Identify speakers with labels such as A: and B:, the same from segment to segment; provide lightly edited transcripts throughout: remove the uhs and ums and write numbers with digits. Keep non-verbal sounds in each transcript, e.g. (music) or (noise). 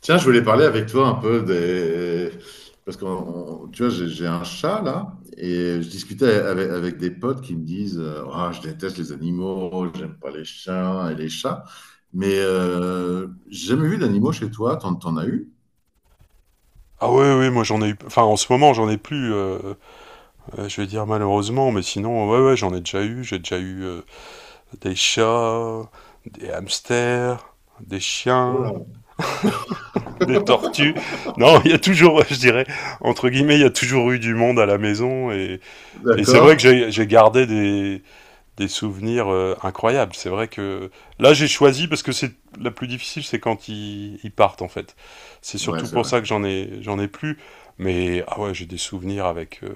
A: Tiens, je voulais parler avec toi un peu des... Parce que tu vois, j'ai un chat là, et je discutais avec, avec des potes qui me disent ah, je déteste les animaux, j'aime pas les chiens et les chats. Mais j'ai jamais vu d'animaux chez toi, t'en as eu?
B: Ah ouais, ouais, moi j'en ai eu. Enfin, en ce moment, j'en ai plus. Je vais dire malheureusement, mais sinon, ouais, ouais, j'en ai déjà eu. J'ai déjà eu des chats, des hamsters, des chiens,
A: Voilà.
B: des tortues. Non, il y a toujours, je dirais, entre guillemets, il y a toujours eu du monde à la maison. Et c'est vrai que
A: D'accord.
B: j'ai gardé des souvenirs incroyables. C'est vrai que là j'ai choisi parce que c'est la plus difficile, c'est quand ils partent en fait. C'est
A: Ouais,
B: surtout
A: c'est
B: pour
A: vrai.
B: ça que j'en ai plus. Mais ah ouais, j'ai des souvenirs avec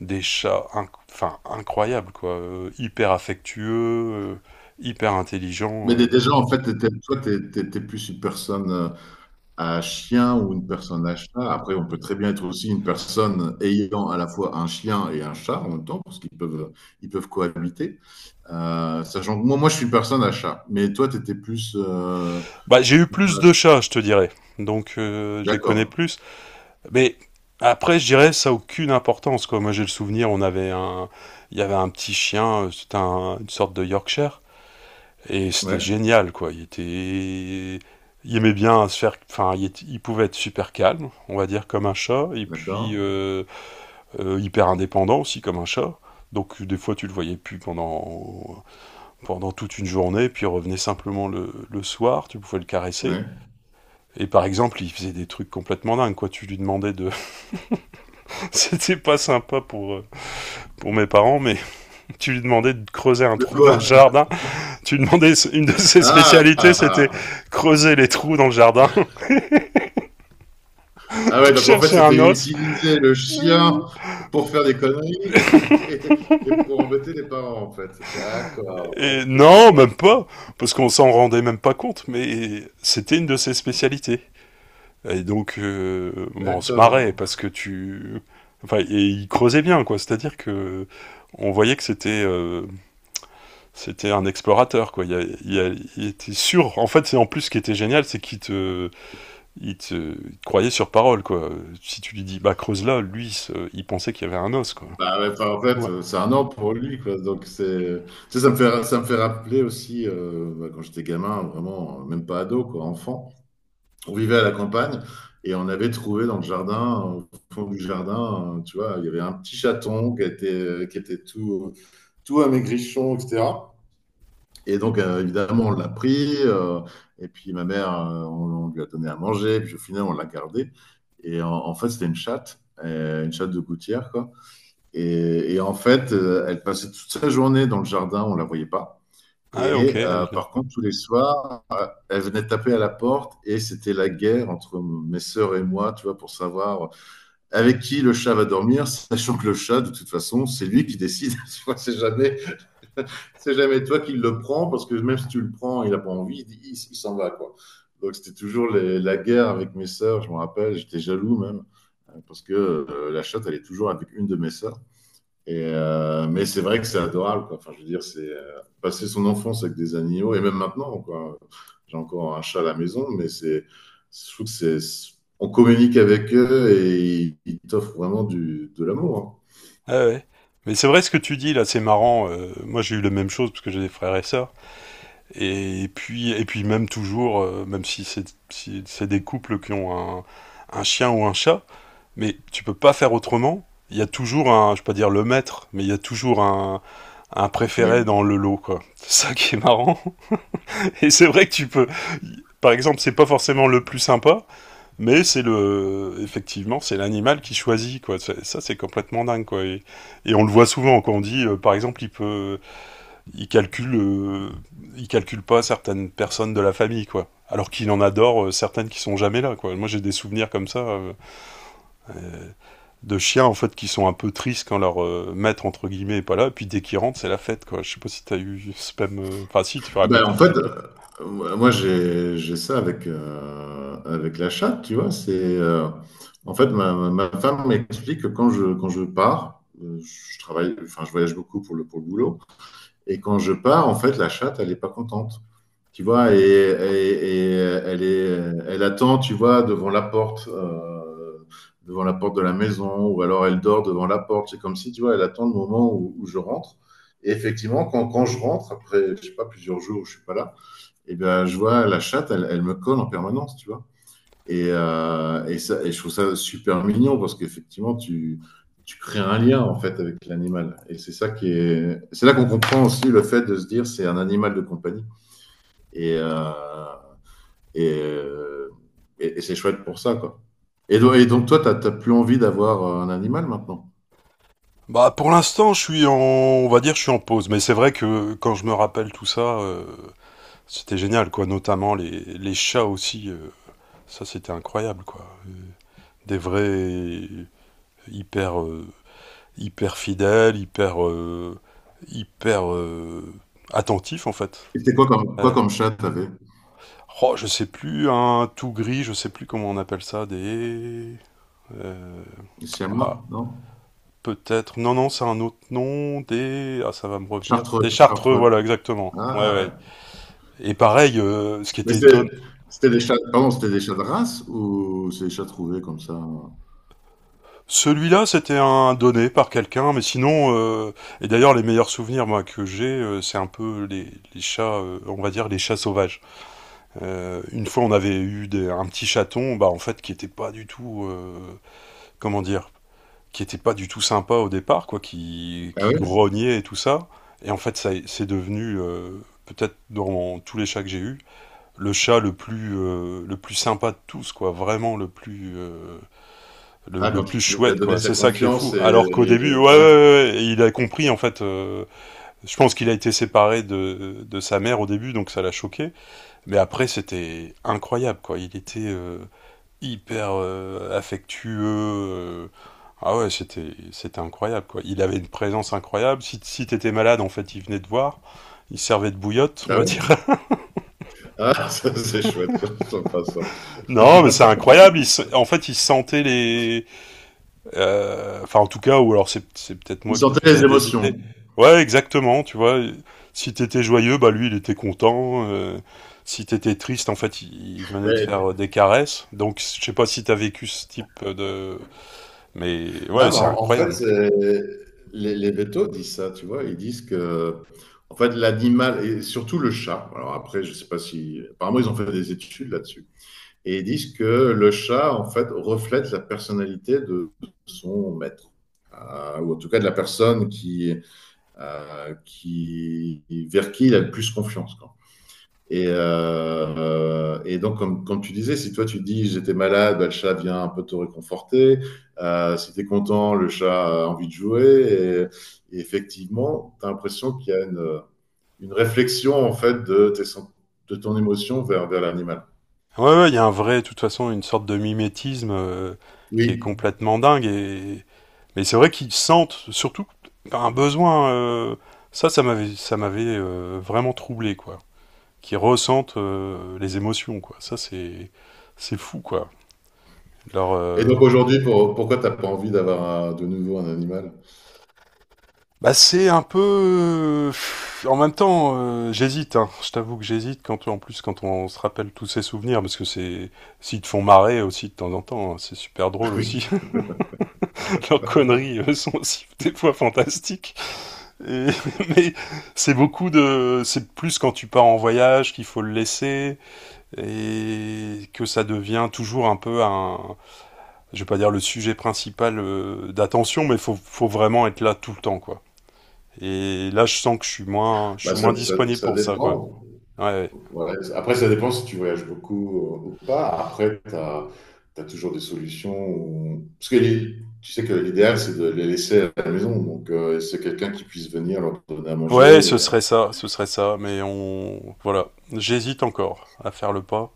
B: des chats, enfin incroyables quoi. Hyper affectueux, hyper
A: Mais
B: intelligents.
A: déjà, en fait, toi, t'es plus une personne, à chien ou une personne à chat. Après, on peut très bien être aussi une personne ayant à la fois un chien et un chat en même temps, parce qu'ils peuvent, ils peuvent cohabiter. Sachant que moi, je suis une personne à chat, mais toi, tu étais plus...
B: Bah j'ai eu plus
A: personne à
B: de
A: chat.
B: chats, je te dirais. Donc je les connais
A: D'accord,
B: plus. Mais après, je dirais ça a aucune importance quoi. Moi j'ai le souvenir, on avait un, il y avait un petit chien, c'était une sorte de Yorkshire. Et c'était
A: ouais,
B: génial, quoi. Il était. Il aimait bien se faire. Enfin, il, il pouvait être super calme, on va dire, comme un chat, et
A: d'accord.
B: puis hyper indépendant aussi, comme un chat. Donc, des fois, tu le voyais plus pendant toute une journée, puis il revenait simplement le soir, tu pouvais le caresser.
A: Ouais.
B: Et par exemple, il faisait des trucs complètement dingues, quoi. Tu lui demandais de. (laughs) C'était pas sympa pour mes parents, mais (laughs) tu lui demandais de creuser un
A: De
B: trou
A: quoi?
B: dans le jardin. Tu demandais, une de ses spécialités, c'était
A: Ah!
B: creuser les trous dans le jardin
A: Ah
B: (laughs)
A: ouais,
B: pour
A: donc en fait,
B: chercher
A: c'était
B: un os.
A: utiliser le chien pour faire des conneries (laughs) et pour embêter les parents, en fait. D'accord,
B: Et
A: ok, je
B: non, même
A: vois.
B: pas, parce qu'on s'en rendait même pas compte, mais c'était une de ses spécialités. Et donc, bon, on se marrait
A: D'accord.
B: parce que tu, enfin, et il creusait bien, quoi. C'est-à-dire que on voyait que c'était c'était un explorateur, quoi. Il, il était sûr. En fait, c'est en plus ce qui était génial, c'est qu'il te il te croyait sur parole, quoi. Si tu lui dis, bah, creuse là, lui, il pensait qu'il y avait un os, quoi.
A: Bah, ouais, enfin, en fait,
B: Ouais.
A: c'est un an pour lui, quoi. Donc, c'est, tu sais, ça me fait rappeler aussi, bah, quand j'étais gamin, vraiment, même pas ado, quoi, enfant. On vivait à la campagne et on avait trouvé dans le jardin, au fond du jardin, tu vois, il y avait un petit chaton qui était tout amaigrichon, etc. Et donc, évidemment, on l'a pris. Et puis, ma mère, on lui a donné à manger. Puis, au final, on l'a gardé. En fait, c'était une chatte de gouttière, quoi. Et en fait, elle passait toute sa journée dans le jardin, on la voyait pas.
B: Ah, ouais, ok.
A: Et par contre, tous les soirs, elle venait taper à la porte, et c'était la guerre entre mes sœurs et moi, tu vois, pour savoir avec qui le chat va dormir, sachant que le chat, de toute façon, c'est lui qui décide. (laughs) c'est jamais, c'est jamais toi qui le prends, parce que même si tu le prends, il a pas envie, il s'en va, quoi. Donc c'était toujours la guerre avec mes sœurs, je me rappelle, j'étais jaloux même, parce que la chatte, elle est toujours avec une de mes sœurs. Et, mais c'est vrai que c'est adorable, quoi. Enfin, je veux dire, c'est passer son enfance avec des animaux, et même maintenant, quoi. J'ai encore un chat à la maison, mais c'est, je trouve que c'est, on communique avec eux et ils t'offrent vraiment du, de l'amour, hein.
B: Ah, ouais. Mais c'est vrai ce que tu dis, là, c'est marrant. Euh, moi, j'ai eu la même chose, parce que j'ai des frères et sœurs. Et puis même toujours, même si c'est des couples qui ont un, un chien ou un chat, mais tu peux pas faire autrement. Il y a toujours un, je peux pas dire le maître, mais il y a toujours un préféré
A: Oui.
B: dans le lot, quoi. C'est ça qui est marrant. (laughs) Et c'est vrai que tu peux. Par exemple, c'est pas forcément le plus sympa, mais c'est le. Effectivement, c'est l'animal qui choisit, quoi. Ça, c'est complètement dingue, quoi. Et on le voit souvent quand on dit, par exemple, il peut. Il calcule. Il calcule pas certaines personnes de la famille, quoi. Alors qu'il en adore certaines qui sont jamais là, quoi. Moi, j'ai des souvenirs comme ça de chiens, en fait, qui sont un peu tristes quand leur maître, entre guillemets, est pas là. Et puis dès qu'ils rentrent, c'est la fête, quoi. Je sais pas si t'as eu ce même. Enfin, si, tu
A: Ben,
B: racontais
A: en
B: un petit
A: fait,
B: peu.
A: moi j'ai ça avec avec la chatte, tu vois. C'est En fait ma femme m'explique que quand je pars, je travaille, enfin je voyage beaucoup pour le boulot. Et quand je pars, en fait, la chatte, elle n'est pas contente. Tu vois, et elle, est, elle attend, tu vois, devant la porte de la maison, ou alors elle dort devant la porte. C'est comme si, tu vois, elle attend le moment où je rentre. Et effectivement, quand je rentre, après, je sais pas, plusieurs jours où je suis pas là, et bien, je vois la chatte, elle me colle en permanence, tu vois. Et je trouve ça super mignon, parce qu'effectivement, tu crées un lien en fait avec l'animal. Et c'est ça qui est. C'est là qu'on comprend aussi le fait de se dire c'est un animal de compagnie. Et, euh, et, euh, et c'est chouette pour ça, quoi. Et donc, toi, t'as plus envie d'avoir un animal maintenant.
B: Bah pour l'instant, je suis en, on va dire, je suis en pause. Mais c'est vrai que quand je me rappelle tout ça, c'était génial, quoi. Notamment les chats aussi, ça c'était incroyable, quoi. Des vrais, hyper hyper fidèles, hyper hyper euh, attentifs en fait.
A: Et c'était quoi quoi
B: Ouais.
A: comme chat t'avais?
B: Oh, je sais plus, un tout gris, je sais plus comment on appelle ça, des euh, ah,
A: Siamois, non?
B: peut-être. Non, non, c'est un autre nom. Des. Ah, ça va me revenir.
A: Chartreux,
B: Des Chartreux,
A: chartreux.
B: voilà, exactement. Ouais,
A: Ah
B: ouais.
A: ouais.
B: Et pareil, ce qui
A: Mais
B: était
A: c'est-
B: étonnant.
A: C'était des chats, pardon, c'était des chats de race ou c'est des chats trouvés comme ça?
B: Celui-là, c'était un donné par quelqu'un, mais sinon, et d'ailleurs, les meilleurs souvenirs moi que j'ai, c'est un peu les chats, on va dire les chats sauvages. Une fois, on avait eu un petit chaton, bah en fait, qui était pas du tout, comment dire, qui était pas du tout sympa au départ, quoi,
A: Ah
B: qui
A: oui.
B: grognait et tout ça. Et en fait, ça c'est devenu, peut-être dans tous les chats que j'ai eus, le chat le plus sympa de tous, quoi. Vraiment le plus,
A: Ah,
B: le
A: quand
B: plus
A: il a
B: chouette,
A: donné
B: quoi.
A: sa
B: C'est ça qui est
A: confiance
B: fou.
A: et,
B: Alors qu'au
A: et-
B: début,
A: ouais.
B: ouais, il a compris, en fait. Je pense qu'il a été séparé de sa mère au début, donc ça l'a choqué. Mais après, c'était incroyable, quoi. Il était, hyper affectueux. Ah ouais, c'était incroyable quoi. Il avait une présence incroyable. Si t'étais malade, en fait, il venait te voir. Il servait de bouillotte, on
A: Ah
B: va dire.
A: oui? Ah, (laughs) ça, c'est chouette, ça, sympa ça.
B: (laughs) Non, mais c'est incroyable. En fait, il sentait les. Enfin, en tout cas, ou alors c'est peut-être
A: Il
B: moi qui me
A: sentait les
B: faisais des
A: émotions.
B: idées. Ouais, exactement. Tu vois, si t'étais joyeux, bah lui, il était content. Si t'étais triste, en fait, il venait de
A: Mais
B: faire des caresses. Donc, je sais pas si t'as vécu ce type de… Mais ouais,
A: non, mais
B: c'est
A: en fait,
B: incroyable.
A: c'est- les vétos disent ça, tu vois. Ils disent en fait, l'animal, et surtout le chat, alors après, je sais pas si. Apparemment, ils ont fait des études là-dessus. Et ils disent que le chat, en fait, reflète la personnalité de son maître. Ou en tout cas de la personne qui, vers qui il a le plus confiance. Et donc, comme tu disais, si toi tu dis j'étais malade, bah, le chat vient un peu te réconforter. Si tu es content, le chat a envie de jouer. Et effectivement, tu as l'impression qu'il y a une réflexion en fait de ton émotion vers l'animal.
B: Ouais, ouais, il y a un vrai, de toute façon, une sorte de mimétisme qui est
A: Oui.
B: complètement dingue. Et… Mais c'est vrai qu'ils sentent surtout un besoin. Ça, ça m'avait vraiment troublé, quoi. Qu'ils ressentent les émotions, quoi. Ça, c'est fou, quoi. Leur,
A: Et donc aujourd'hui, pourquoi tu n'as pas envie d'avoir de nouveau un animal?
B: bah, c'est un peu. En même temps, j'hésite. Hein. Je t'avoue que j'hésite quand, en plus, quand on se rappelle tous ces souvenirs, parce que c'est, s'ils te font marrer aussi de temps en temps, hein, c'est super drôle
A: (laughs)
B: aussi.
A: Oui,
B: Leurs conneries sont aussi (laughs) des fois fantastiques. Et (laughs) mais c'est beaucoup de, c'est plus quand tu pars en voyage qu'il faut le laisser et que ça devient toujours un peu un, je vais pas dire le sujet principal d'attention, mais faut vraiment être là tout le temps, quoi. Et là, je sens que je
A: bah,
B: suis moins disponible
A: ça
B: pour ça, quoi.
A: dépend.
B: Ouais, ouais.
A: Ouais, après, ça dépend si tu voyages beaucoup ou pas. Après, tu as, toujours des solutions. Parce que tu sais que l'idéal, c'est de les laisser à la maison. Donc, c'est quelqu'un qui puisse venir leur donner à manger.
B: Ouais,
A: Et-
B: ce serait ça, mais on, voilà, j'hésite encore à faire le pas.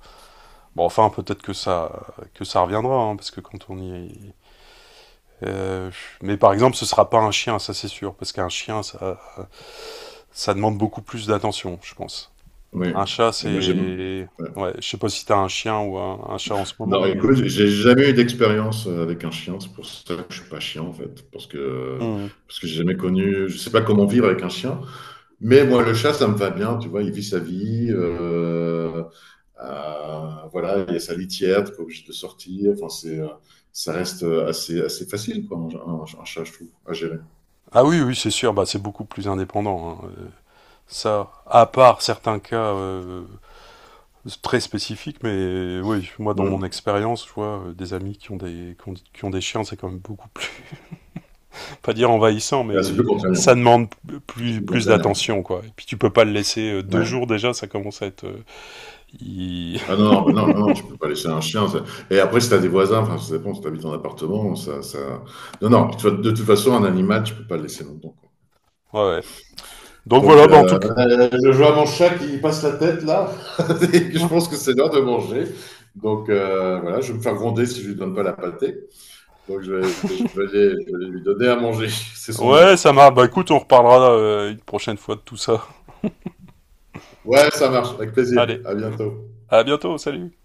B: Bon, enfin, peut-être que ça reviendra, hein, parce que quand on y, euh, mais par exemple, ce sera pas un chien, ça c'est sûr, parce qu'un chien, ça demande beaucoup plus d'attention, je pense.
A: Oui.
B: Un chat,
A: Mais moi, j'aime.
B: c'est…
A: Ouais.
B: Ouais, je sais pas si t'as un chien ou un chat en ce moment,
A: Non,
B: mais…
A: écoute, j'ai jamais eu d'expérience avec un chien. C'est pour ça que je suis pas chien, en fait.
B: Hmm.
A: Parce que j'ai jamais connu. Je sais pas comment vivre avec un chien. Mais moi, le chat, ça me va bien, tu vois, il vit sa vie. Voilà, il y a sa litière, t'es pas obligé de sortir. Enfin, c'est, ça reste assez, assez facile, quoi, un chat, je trouve, à gérer.
B: Ah oui, oui, c'est sûr, bah, c'est beaucoup plus indépendant. Hein. Ça, à part certains cas très spécifiques, mais oui, moi dans mon
A: Mm.
B: expérience, je vois des amis qui ont des, qui ont des chiens, c'est quand même beaucoup plus, pas dire envahissant,
A: Ah, c'est plus
B: mais ça
A: contraignant.
B: demande
A: C'est
B: plus,
A: plus
B: plus
A: contraignant.
B: d'attention, quoi. Et puis tu peux pas le laisser deux
A: Ouais.
B: jours déjà, ça commence à être. Il-
A: Ah non, non, bah non, tu peux pas laisser un chien. Ça- Et après, si t'as des voisins, enfin, ça dépend, si t'habites en appartement, ça... Non, non, tu vois, de toute façon, un animal, tu peux pas le laisser longtemps, quoi.
B: Ouais, ouais. Donc
A: Donc,
B: voilà, bah en tout cas.
A: je vois mon chat qui passe la tête là, (laughs) et que je pense que c'est l'heure de manger. Donc, voilà, je vais me faire gronder si je lui donne pas la pâtée. Donc, je vais lui donner à manger. (laughs) C'est son
B: Ouais,
A: heure.
B: ça marche. Bah écoute, on reparlera une prochaine fois de tout ça.
A: Ouais, ça marche. Avec plaisir.
B: Allez,
A: À bientôt.
B: à bientôt, salut!